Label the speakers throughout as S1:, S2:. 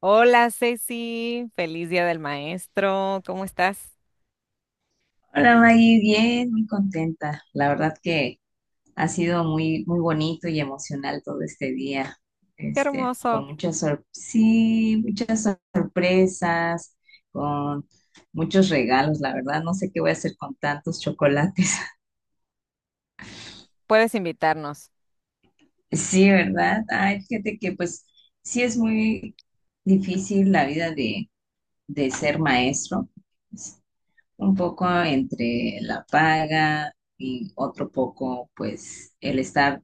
S1: Hola Ceci, feliz Día del Maestro, ¿cómo estás?
S2: Hola Maggie, bien, muy contenta. La verdad que ha sido muy, muy bonito y emocional todo este día,
S1: Qué hermoso.
S2: con sí, sorpresas, con muchos regalos. La verdad, no sé qué voy a hacer con tantos chocolates.
S1: Puedes invitarnos,
S2: Sí, ¿verdad? Ay, fíjate que pues sí es muy difícil la vida de ser maestro. Es un poco entre la paga y otro poco pues el estar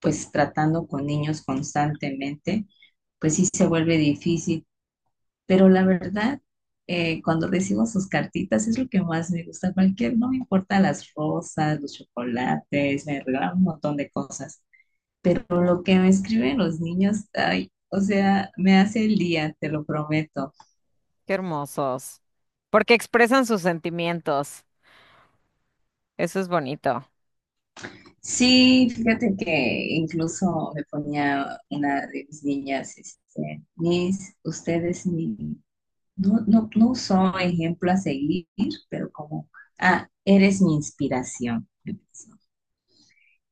S2: pues tratando con niños constantemente, pues sí se vuelve difícil. Pero la verdad, cuando recibo sus cartitas es lo que más me gusta. Cualquier, no me importa las rosas, los chocolates, me regalan un montón de cosas. Pero lo que me escriben los niños, ay, o sea, me hace el día, te lo prometo.
S1: qué hermosos. Porque expresan sus sentimientos, eso es bonito.
S2: Sí, fíjate que incluso me ponía una de mis niñas, este, mis, ustedes, mi no, no, no usó ejemplo a seguir, pero como, ah, eres mi inspiración.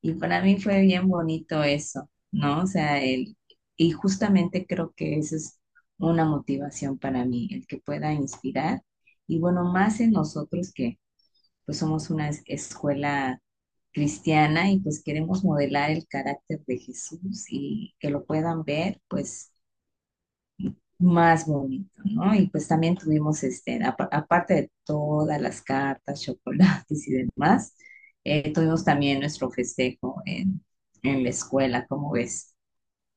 S2: Y para mí fue bien bonito eso, ¿no? O sea, el, y justamente creo que esa es una motivación para mí, el que pueda inspirar. Y bueno, más en nosotros que pues somos una escuela cristiana y pues queremos modelar el carácter de Jesús y que lo puedan ver, pues más bonito, ¿no? Y pues también tuvimos, este, aparte de todas las cartas, chocolates y demás, tuvimos también nuestro festejo en la escuela, ¿cómo ves?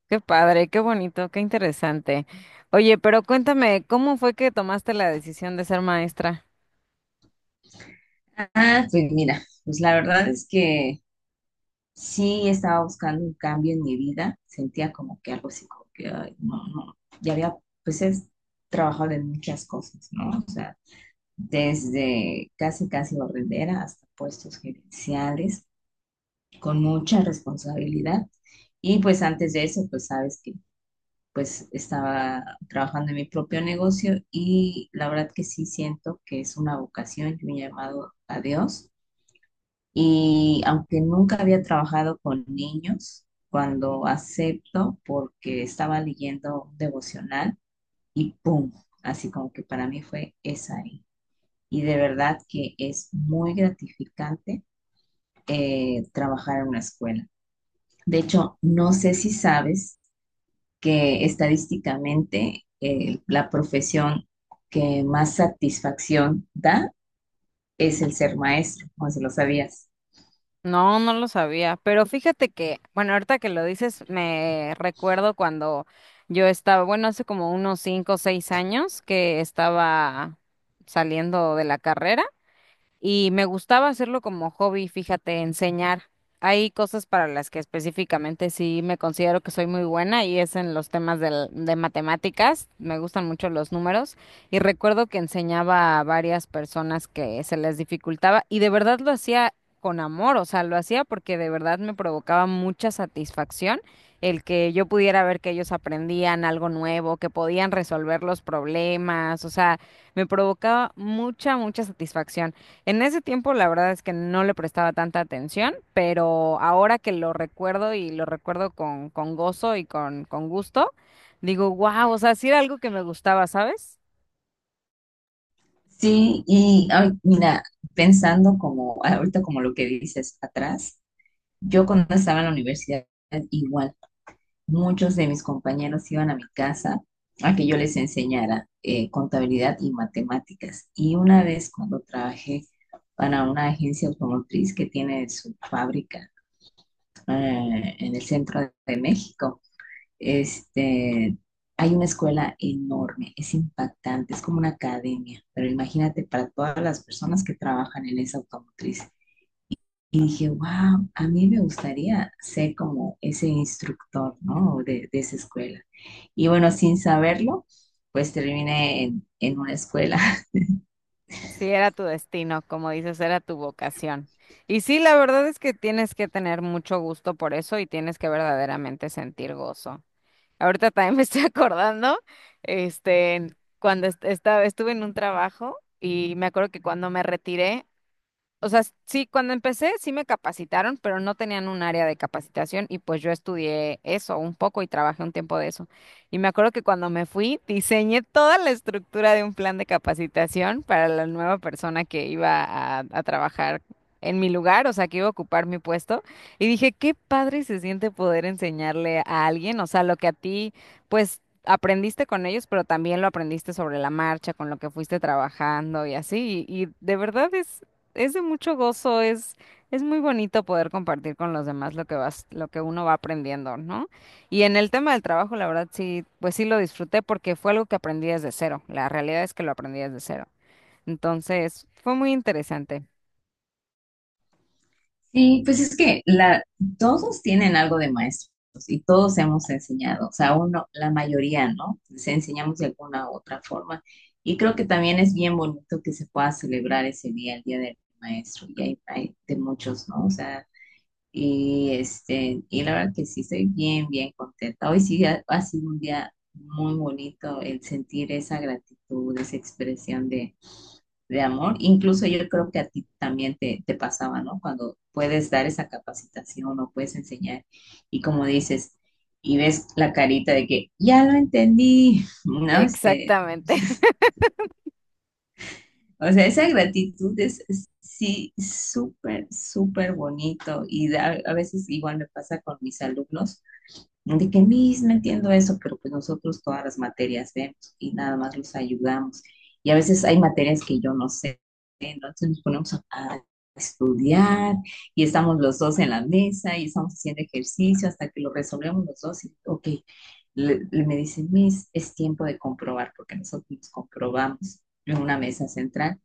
S1: Qué padre, qué bonito, qué interesante. Oye, pero cuéntame, ¿cómo fue que tomaste la decisión de ser maestra?
S2: Ah, pues mira, pues la verdad es que sí estaba buscando un cambio en mi vida, sentía como que algo así, como que, ay, no, no, ya había, pues he trabajado en muchas cosas, ¿no? O sea, desde casi, casi barrendera hasta puestos gerenciales con mucha responsabilidad. Y pues antes de eso, pues sabes que pues estaba trabajando en mi propio negocio y la verdad que sí siento que es una vocación y un llamado a Dios. Y aunque nunca había trabajado con niños, cuando acepto, porque estaba leyendo un devocional y ¡pum! Así como que para mí fue esa ahí. Y de verdad que es muy gratificante trabajar en una escuela. De hecho, no sé si sabes que estadísticamente la profesión que más satisfacción da es el ser maestro, no sé si lo sabías.
S1: No, no lo sabía, pero fíjate que, bueno, ahorita que lo dices, me recuerdo cuando yo estaba, bueno, hace como unos 5 o 6 años que estaba saliendo de la carrera y me gustaba hacerlo como hobby, fíjate, enseñar. Hay cosas para las que específicamente sí me considero que soy muy buena y es en los temas de matemáticas. Me gustan mucho los números y recuerdo que enseñaba a varias personas que se les dificultaba y de verdad lo hacía con amor, o sea, lo hacía porque de verdad me provocaba mucha satisfacción el que yo pudiera ver que ellos aprendían algo nuevo, que podían resolver los problemas, o sea, me provocaba mucha, mucha satisfacción. En ese tiempo, la verdad es que no le prestaba tanta atención, pero ahora que lo recuerdo y lo recuerdo con gozo y con gusto, digo, wow, o sea, sí era algo que me gustaba, ¿sabes?
S2: Sí, y ay, mira, pensando como ahorita como lo que dices atrás, yo cuando estaba en la universidad igual. Muchos de mis compañeros iban a mi casa a que yo les enseñara contabilidad y matemáticas. Y una vez cuando trabajé para una agencia automotriz que tiene su fábrica en el centro de México, este, hay una escuela enorme, es impactante, es como una academia, pero imagínate para todas las personas que trabajan en esa automotriz. Y dije, wow, a mí me gustaría ser como ese instructor, ¿no? De esa escuela. Y bueno, sin saberlo, pues terminé en una escuela.
S1: Sí era tu destino, como dices, era tu vocación. Y sí, la verdad es que tienes que tener mucho gusto por eso y tienes que verdaderamente sentir gozo. Ahorita también me estoy acordando, cuando estuve en un trabajo y me acuerdo que cuando me retiré. O sea, sí, cuando empecé sí me capacitaron, pero no tenían un área de capacitación y pues yo estudié eso un poco y trabajé un tiempo de eso. Y me acuerdo que cuando me fui, diseñé toda la estructura de un plan de capacitación para la nueva persona que iba a trabajar en mi lugar, o sea, que iba a ocupar mi puesto. Y dije, qué padre se siente poder enseñarle a alguien, o sea, lo que a ti, pues, aprendiste con ellos, pero también lo aprendiste sobre la marcha, con lo que fuiste trabajando y así. Y de verdad es de mucho gozo, es muy bonito poder compartir con los demás lo que vas, lo que uno va aprendiendo, ¿no? Y en el tema del trabajo, la verdad sí, pues sí lo disfruté porque fue algo que aprendí desde cero. La realidad es que lo aprendí desde cero. Entonces, fue muy interesante.
S2: Sí, pues es que la, todos tienen algo de maestros y todos hemos enseñado, o sea, uno, la mayoría, ¿no? Se enseñamos de alguna u otra forma. Y creo que también es bien bonito que se pueda celebrar ese día, el Día del Maestro, y hay de muchos, ¿no? O sea, y, este, y la verdad que sí estoy bien, bien contenta. Hoy sí ha sido un día muy bonito el sentir esa gratitud, esa expresión de amor. Incluso yo creo que a ti también te pasaba, ¿no? Cuando puedes dar esa capacitación o puedes enseñar y como dices, y ves la carita de que ya lo entendí, ¿no? Este,
S1: Exactamente.
S2: o sea, esa gratitud es sí súper, súper bonito y da- a veces igual me pasa con mis alumnos de que Miss, no entiendo eso, pero pues nosotros todas las materias vemos y nada más los ayudamos. Y a veces hay materias que yo no sé, entonces nos ponemos a estudiar y estamos los dos en la mesa y estamos haciendo ejercicio hasta que lo resolvemos los dos y, ok, me dice Miss, es tiempo de comprobar porque nosotros nos comprobamos en una mesa central.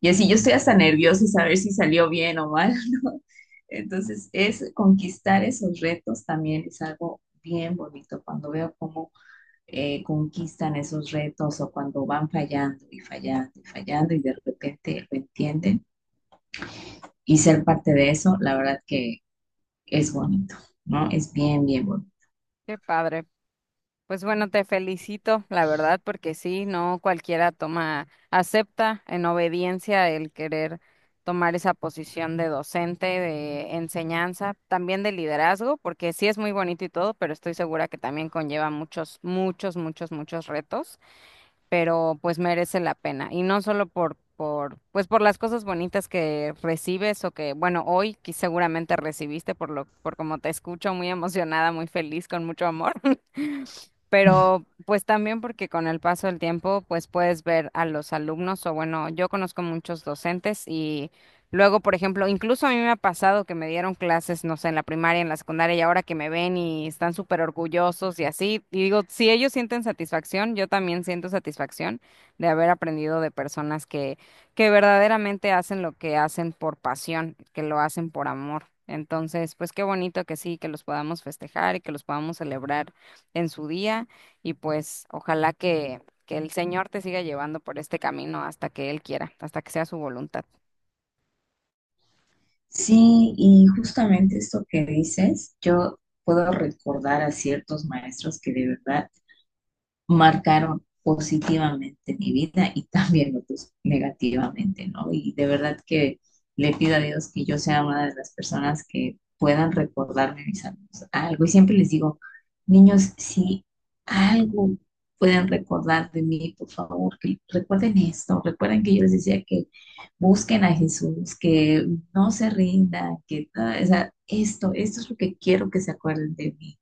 S2: Y así yo estoy hasta nerviosa y saber si salió bien o mal. Entonces, es conquistar esos retos también es algo bien bonito cuando veo cómo conquistan esos retos o cuando van fallando y fallando y fallando y de repente lo entienden y ser parte de eso, la verdad que es bonito, ¿no? Es bien, bien bonito.
S1: Qué padre. Pues bueno, te felicito, la verdad, porque sí, no cualquiera toma, acepta en obediencia el querer tomar esa posición de docente, de enseñanza, también de liderazgo, porque sí es muy bonito y todo, pero estoy segura que también conlleva muchos, muchos, muchos, muchos retos, pero pues merece la pena. Y no solo pues por las cosas bonitas que recibes o que, bueno, hoy que seguramente recibiste por lo, por como te escucho, muy emocionada, muy feliz, con mucho amor, pero pues también porque con el paso del tiempo pues puedes ver a los alumnos o bueno, yo conozco muchos docentes y luego, por ejemplo, incluso a mí me ha pasado que me dieron clases, no sé, en la primaria, en la secundaria y ahora que me ven y están súper orgullosos y así, y digo, si ellos sienten satisfacción, yo también siento satisfacción de haber aprendido de personas que verdaderamente hacen lo que hacen por pasión, que lo hacen por amor. Entonces, pues qué bonito que sí, que los podamos festejar y que los podamos celebrar en su día y pues ojalá que el Señor te siga llevando por este camino hasta que Él quiera, hasta que sea su voluntad.
S2: Sí, y justamente esto que dices, yo puedo recordar a ciertos maestros que de verdad marcaron positivamente mi vida y también otros negativamente, ¿no? Y de verdad que le pido a Dios que yo sea una de las personas que puedan recordarme mis amigos algo. Y siempre les digo, niños, si algo pueden recordar de mí, por favor, que recuerden esto, recuerden que yo les decía que busquen a Jesús, que no se rindan, que o sea, esto es lo que quiero que se acuerden de mí,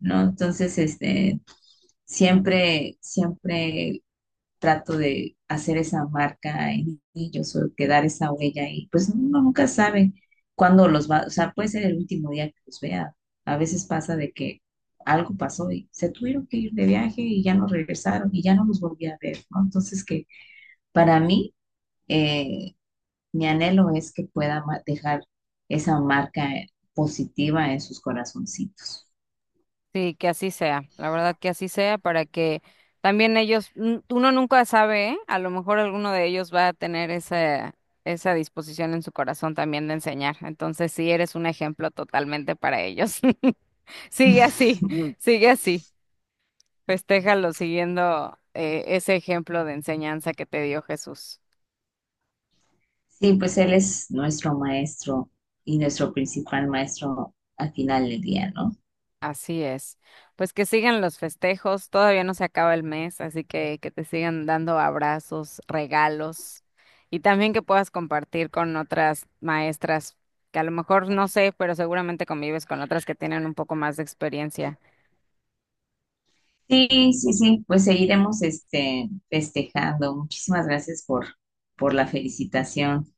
S2: ¿no? Entonces, este, siempre, siempre trato de hacer esa marca en ellos o quedar esa huella y pues uno nunca sabe cuándo los va, o sea, puede ser el último día que los vea. A veces pasa de que algo pasó y se tuvieron que ir de viaje y ya no regresaron y ya no los volví a ver, ¿no? Entonces que para mí, eh, mi anhelo es que pueda dejar esa marca positiva en sus corazoncitos.
S1: Sí, que así sea, la verdad que así sea para que también ellos, uno nunca sabe, ¿eh? A lo mejor alguno de ellos va a tener esa, esa disposición en su corazón también de enseñar. Entonces sí, eres un ejemplo totalmente para ellos. Sigue así. Mm. Sigue así. Festéjalo siguiendo ese ejemplo de enseñanza que te dio Jesús.
S2: Sí, pues Él es nuestro maestro y nuestro principal maestro al final del día, ¿no?
S1: Así es. Pues que sigan los festejos, todavía no se acaba el mes, así que te sigan dando abrazos, regalos y también que puedas compartir con otras maestras que a lo mejor no sé, pero seguramente convives con otras que tienen un poco más de experiencia.
S2: Sí, sí, sí, pues seguiremos este, festejando. Muchísimas gracias por la felicitación.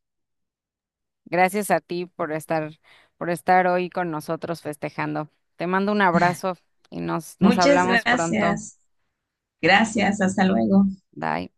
S1: Gracias a ti por estar, por estar hoy con nosotros festejando. Te mando un abrazo y nos
S2: Muchas
S1: hablamos pronto.
S2: gracias. Gracias, hasta luego.
S1: Bye.